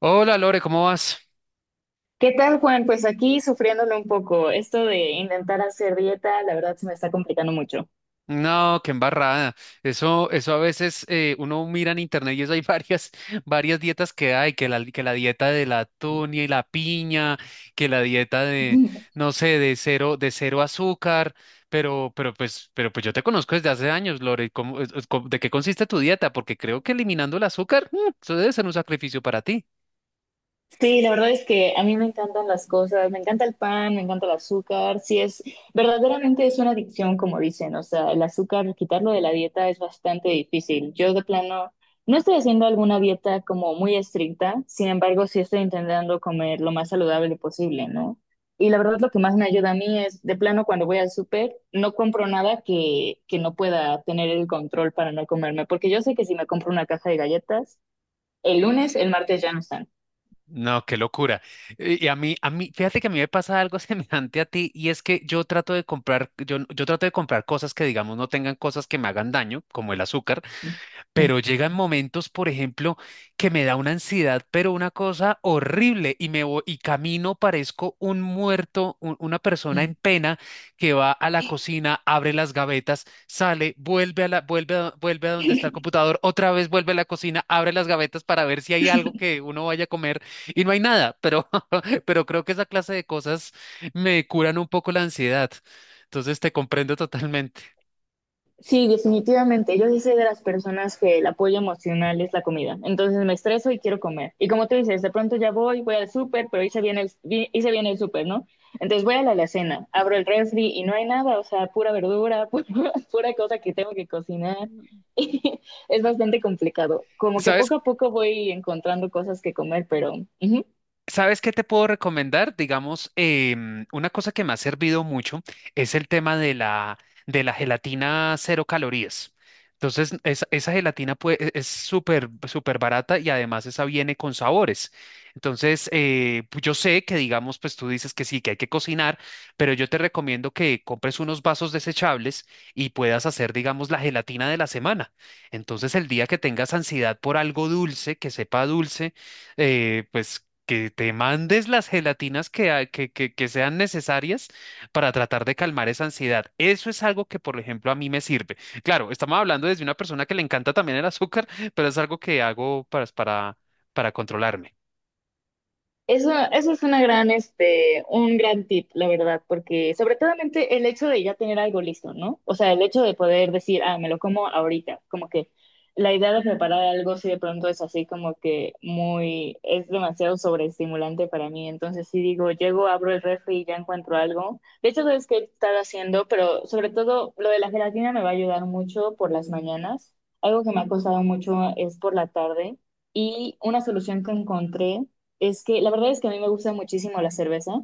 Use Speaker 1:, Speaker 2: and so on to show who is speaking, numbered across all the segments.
Speaker 1: Hola Lore, ¿cómo vas?
Speaker 2: ¿Qué tal, Juan? Pues aquí sufriéndolo un poco. Esto de intentar hacer dieta, la verdad se me está complicando mucho.
Speaker 1: No, qué embarrada. Eso a veces uno mira en internet y eso hay varias, varias dietas que hay, que la dieta de la tunia y la piña, que la dieta de, no sé, de cero azúcar, pero pues yo te conozco desde hace años, Lore. ¿Cómo, es- cómo- De qué consiste tu dieta? Porque creo que eliminando el azúcar, eso debe ser un sacrificio para ti.
Speaker 2: Sí, la verdad es que a mí me encantan las cosas, me encanta el pan, me encanta el azúcar, sí es, verdaderamente es una adicción, como dicen, o sea, el azúcar, quitarlo de la dieta es bastante difícil. Yo de plano no estoy haciendo alguna dieta como muy estricta, sin embargo, sí estoy intentando comer lo más saludable posible, ¿no? Y la verdad lo que más me ayuda a mí es, de plano, cuando voy al súper, no compro nada que no pueda tener el control para no comerme, porque yo sé que si me compro una caja de galletas, el lunes, el martes ya no están.
Speaker 1: No, qué locura. A mí, fíjate que a mí me pasa algo semejante a ti y es que yo trato de comprar, yo trato de comprar cosas que digamos no tengan cosas que me hagan daño, como el azúcar, pero llegan momentos, por ejemplo, que me da una ansiedad, pero una cosa horrible, y y camino, parezco un muerto, una persona en pena que va a la cocina, abre las gavetas, sale, vuelve a la, vuelve a, vuelve a donde está el computador, otra vez vuelve a la cocina, abre las gavetas para ver si hay algo que uno vaya a comer y no hay nada, pero creo que esa clase de cosas me curan un poco la ansiedad. Entonces te comprendo totalmente.
Speaker 2: Sí, definitivamente. Yo sí soy de las personas que el apoyo emocional es la comida. Entonces me estreso y quiero comer. Y como tú dices, de pronto ya voy, voy al súper, pero hice bien el súper, ¿no? Entonces voy a la alacena, abro el refri y no hay nada, o sea, pura verdura, pura, pura cosa que tengo que cocinar. Y es bastante complicado. Como que
Speaker 1: ¿Sabes
Speaker 2: poco a poco voy encontrando cosas que comer, pero ujú.
Speaker 1: ¿Sabes qué te puedo recomendar? Digamos, una cosa que me ha servido mucho es el tema de la gelatina cero calorías. Entonces, esa gelatina es súper, súper barata y además esa viene con sabores. Entonces, yo sé que, digamos, pues tú dices que sí, que hay que cocinar, pero yo te recomiendo que compres unos vasos desechables y puedas hacer, digamos, la gelatina de la semana. Entonces, el día que tengas ansiedad por algo dulce, que sepa dulce, pues que te mandes las gelatinas que que sean necesarias para tratar de calmar esa ansiedad. Eso es algo que, por ejemplo, a mí me sirve. Claro, estamos hablando desde una persona que le encanta también el azúcar, pero es algo que hago para controlarme.
Speaker 2: Eso es una gran, este, un gran tip, la verdad, porque sobre todo el hecho de ya tener algo listo, ¿no? O sea, el hecho de poder decir, ah, me lo como ahorita, como que la idea de preparar algo si de pronto es así como que muy, es demasiado sobreestimulante para mí, entonces sí digo, llego, abro el refri y ya encuentro algo. De hecho, sabes qué estar haciendo, pero sobre todo lo de la gelatina me va a ayudar mucho por las mañanas. Algo que me ha costado mucho es por la tarde y una solución que encontré es que la verdad es que a mí me gusta muchísimo la cerveza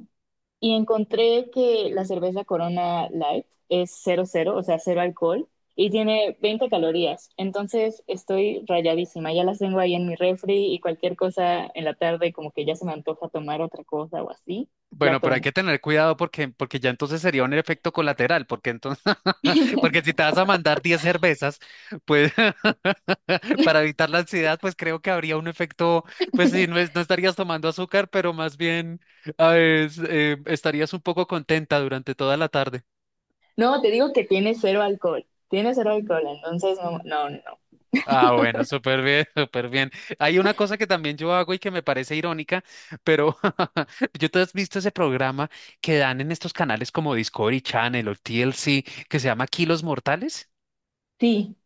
Speaker 2: y encontré que la cerveza Corona Light es cero cero, o sea, cero alcohol y tiene 20 calorías. Entonces estoy rayadísima, ya las tengo ahí en mi refri y cualquier cosa en la tarde como que ya se me antoja tomar otra cosa o así, la
Speaker 1: Bueno, pero hay
Speaker 2: tomo.
Speaker 1: que tener cuidado porque ya entonces sería un efecto colateral, porque entonces, porque si te vas a mandar 10 cervezas, pues para evitar la ansiedad, pues creo que habría un efecto, pues sí, no, no estarías tomando azúcar, pero más bien estarías un poco contenta durante toda la tarde.
Speaker 2: No, te digo que tiene cero alcohol, entonces no, no, no.
Speaker 1: Ah, bueno, súper bien, súper bien. Hay una cosa que también yo hago y que me parece irónica, pero yo tú has visto ese programa que dan en estos canales como Discovery Channel o TLC que se llama Kilos Mortales.
Speaker 2: Sí.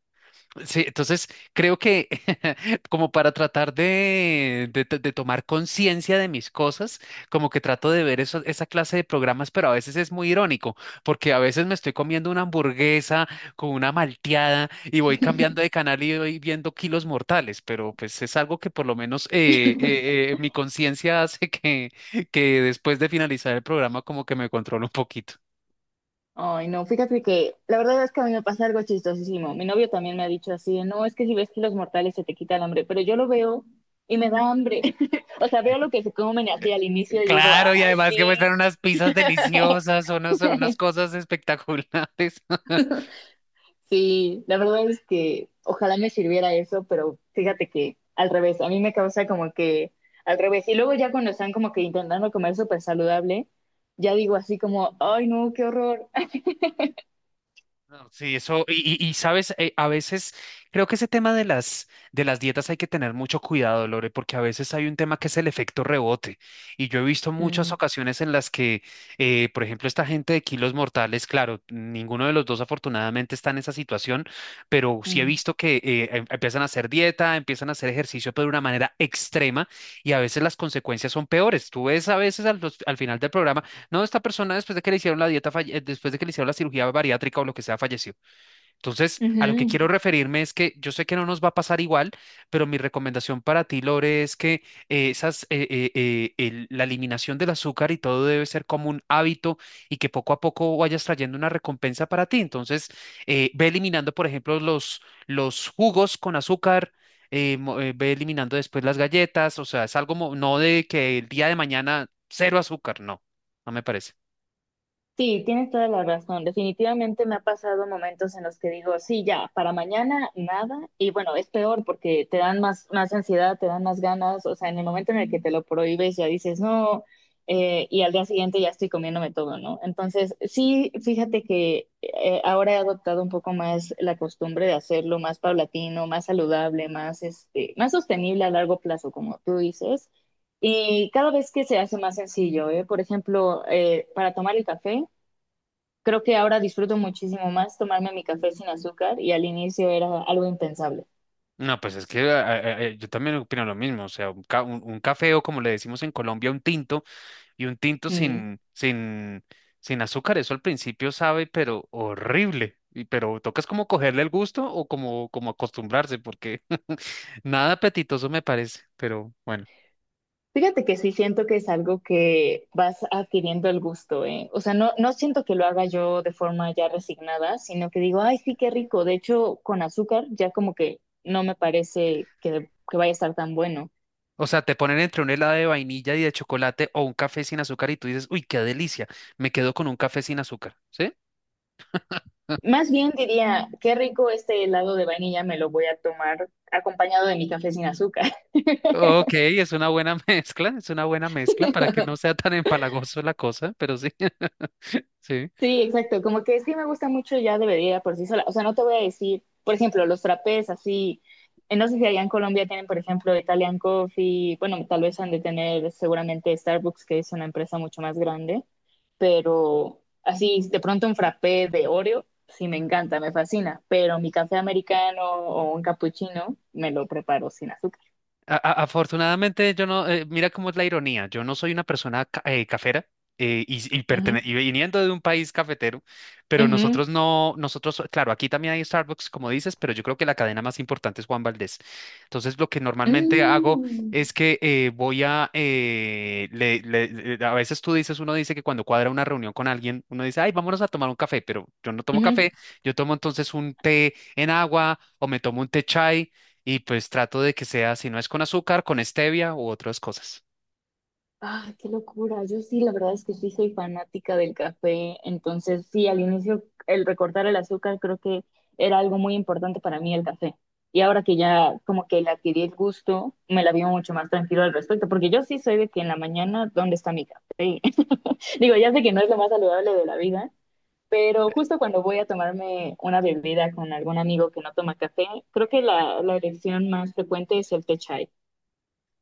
Speaker 1: Sí, entonces creo que como para tratar de, de tomar conciencia de mis cosas, como que trato de ver esa clase de programas, pero a veces es muy irónico, porque a veces me estoy comiendo una hamburguesa con una malteada y voy cambiando de canal y voy viendo Kilos Mortales, pero pues es algo que por lo menos mi conciencia hace que después de finalizar el programa como que me controlo un poquito.
Speaker 2: Ay, no, fíjate que la verdad es que a mí me pasa algo chistosísimo. Mi novio también me ha dicho así, de, no, es que si ves que los mortales se te quita el hambre, pero yo lo veo y me da hambre. O sea, veo lo que se comen así al inicio y digo,
Speaker 1: Claro, y
Speaker 2: ay,
Speaker 1: además que muestran
Speaker 2: sí,
Speaker 1: unas pizzas deliciosas, unas cosas espectaculares.
Speaker 2: sí, la verdad es que ojalá me sirviera eso, pero fíjate que al revés, a mí me causa como que al revés. Y luego ya cuando están como que intentando comer súper saludable, ya digo así como, ay, no, qué horror.
Speaker 1: No, sí, eso, sabes, a veces creo que ese tema de las dietas hay que tener mucho cuidado, Lore, porque a veces hay un tema que es el efecto rebote. Y yo he visto muchas
Speaker 2: Mm,
Speaker 1: ocasiones en las que, por ejemplo, esta gente de Kilos Mortales, claro, ninguno de los dos afortunadamente está en esa situación, pero sí he
Speaker 2: mm,
Speaker 1: visto que empiezan a hacer dieta, empiezan a hacer ejercicio, pero de una manera extrema, y a veces las consecuencias son peores. Tú ves a veces al final del programa no, esta persona después de que le hicieron la dieta, después de que le hicieron la cirugía bariátrica o lo que sea, falleció. Entonces, a lo que
Speaker 2: ujú.
Speaker 1: quiero referirme es que yo sé que no nos va a pasar igual, pero mi recomendación para ti, Lore, es que la eliminación del azúcar y todo debe ser como un hábito y que poco a poco vayas trayendo una recompensa para ti. Entonces, ve eliminando, por ejemplo, los jugos con azúcar. Ve eliminando después las galletas, o sea, no de que el día de mañana cero azúcar, no, no me parece.
Speaker 2: Sí, tienes toda la razón. Definitivamente me ha pasado momentos en los que digo, sí, ya, para mañana nada. Y bueno, es peor porque te dan más, más ansiedad, te dan más ganas. O sea, en el momento en el que te lo prohíbes, ya dices, no, y al día siguiente ya estoy comiéndome todo, ¿no? Entonces, sí, fíjate que ahora he adoptado un poco más la costumbre de hacerlo más paulatino, más saludable, más, este, más sostenible a largo plazo, como tú dices. Y cada vez que se hace más sencillo, ¿eh? Por ejemplo, para tomar el café. Creo que ahora disfruto muchísimo más tomarme mi café sin azúcar y al inicio era algo impensable.
Speaker 1: No, pues es que yo también opino lo mismo, o sea, un café o como le decimos en Colombia, un tinto, y un tinto
Speaker 2: Mm.
Speaker 1: sin azúcar, eso al principio sabe, pero horrible, y, pero tocas como cogerle el gusto o como, como acostumbrarse, porque nada apetitoso me parece, pero bueno.
Speaker 2: Fíjate que sí siento que es algo que vas adquiriendo el gusto, ¿eh? O sea, no, no siento que lo haga yo de forma ya resignada, sino que digo, ay, sí, qué rico. De hecho, con azúcar ya como que no me parece que vaya a estar tan bueno.
Speaker 1: O sea, te ponen entre un helado de vainilla y de chocolate o un café sin azúcar y tú dices, uy, qué delicia, me quedo con un café sin azúcar, ¿sí?
Speaker 2: Más bien diría, qué rico este helado de vainilla, me lo voy a tomar acompañado de mi café sin azúcar.
Speaker 1: Ok, es una buena mezcla, es una buena mezcla para que no sea tan empalagoso la cosa, pero sí. Sí.
Speaker 2: Sí, exacto, como que sí me gusta mucho ya debería por sí sola, o sea, no te voy a decir, por ejemplo, los trapés así, no sé si allá en Colombia tienen, por ejemplo, Italian Coffee, bueno, tal vez han de tener seguramente Starbucks, que es una empresa mucho más grande, pero así, de pronto un frappé de Oreo, sí me encanta, me fascina, pero mi café americano o un cappuccino me lo preparo sin azúcar.
Speaker 1: Afortunadamente, yo no, mira cómo es la ironía, yo no soy una persona cafera,
Speaker 2: Ujú,
Speaker 1: y viniendo de un país cafetero, pero
Speaker 2: ujú,
Speaker 1: nosotros no, nosotros, claro, aquí también hay Starbucks, como dices, pero yo creo que la cadena más importante es Juan Valdez. Entonces, lo que normalmente hago
Speaker 2: mm,
Speaker 1: es que voy a, le- le- le- a veces tú dices, uno dice que cuando cuadra una reunión con alguien, uno dice, ay, vámonos a tomar un café, pero yo no tomo
Speaker 2: ujú.
Speaker 1: café, yo tomo entonces un té en agua o me tomo un té chai y pues trato de que sea, si no es con azúcar, con stevia u otras cosas.
Speaker 2: Ah, qué locura. Yo sí, la verdad es que sí soy fanática del café. Entonces, sí, al inicio el recortar el azúcar creo que era algo muy importante para mí el café. Y ahora que ya como que le adquirí el gusto, me la vivo mucho más tranquilo al respecto, porque yo sí soy de que en la mañana, ¿dónde está mi café? Digo, ya sé que no es lo más saludable de la vida, pero justo cuando voy a tomarme una bebida con algún amigo que no toma café, creo que la elección más frecuente es el té chai.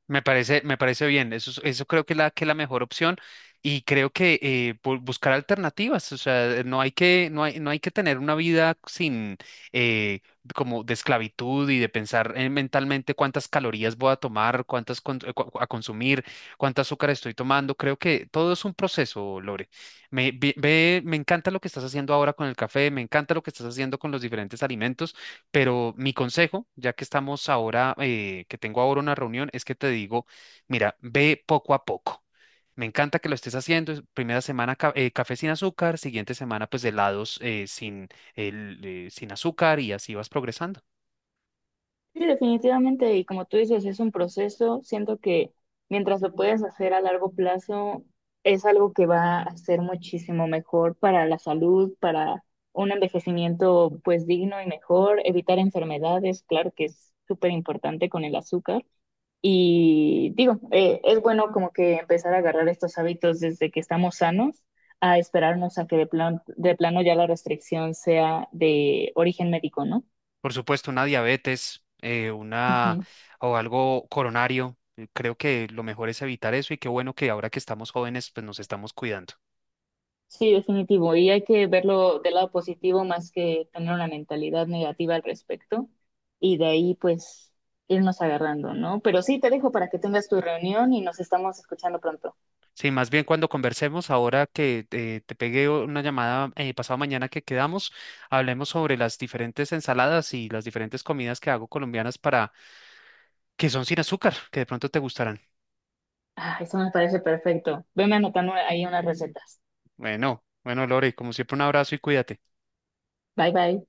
Speaker 1: Me parece bien, eso, eso creo que es la mejor opción y creo que buscar alternativas, o sea, no hay que tener una vida sin eh, como de esclavitud y de pensar mentalmente cuántas calorías voy a tomar, a consumir, cuánto azúcar estoy tomando. Creo que todo es un proceso, Lore. Me encanta lo que estás haciendo ahora con el café, me encanta lo que estás haciendo con los diferentes alimentos. Pero mi consejo, ya que estamos ahora, que tengo ahora una reunión, es que te digo, mira, ve poco a poco. Me encanta que lo estés haciendo. Es Primera semana café sin azúcar, siguiente semana pues helados sin azúcar y así vas progresando.
Speaker 2: Sí, definitivamente, y como tú dices, es un proceso. Siento que mientras lo puedas hacer a largo plazo, es algo que va a ser muchísimo mejor para la salud, para un envejecimiento pues digno y mejor, evitar enfermedades, claro que es súper importante con el azúcar. Y digo, es bueno como que empezar a agarrar estos hábitos desde que estamos sanos, a esperarnos a que de plano ya la restricción sea de origen médico, ¿no?
Speaker 1: Por supuesto, una diabetes, una o algo coronario. Creo que lo mejor es evitar eso y qué bueno que ahora que estamos jóvenes pues nos estamos cuidando.
Speaker 2: Sí, definitivo. Y hay que verlo del lado positivo más que tener una mentalidad negativa al respecto. Y de ahí, pues, irnos agarrando, ¿no? Pero sí, te dejo para que tengas tu reunión y nos estamos escuchando pronto.
Speaker 1: Sí, más bien cuando conversemos, ahora que te pegué una llamada pasado mañana que quedamos, hablemos sobre las diferentes ensaladas y las diferentes comidas que hago colombianas para que son sin azúcar, que de pronto te gustarán.
Speaker 2: Ah, eso me parece perfecto. Veme anotando ahí unas recetas.
Speaker 1: Bueno, bueno, Lore, como siempre, un abrazo y cuídate.
Speaker 2: Bye, bye.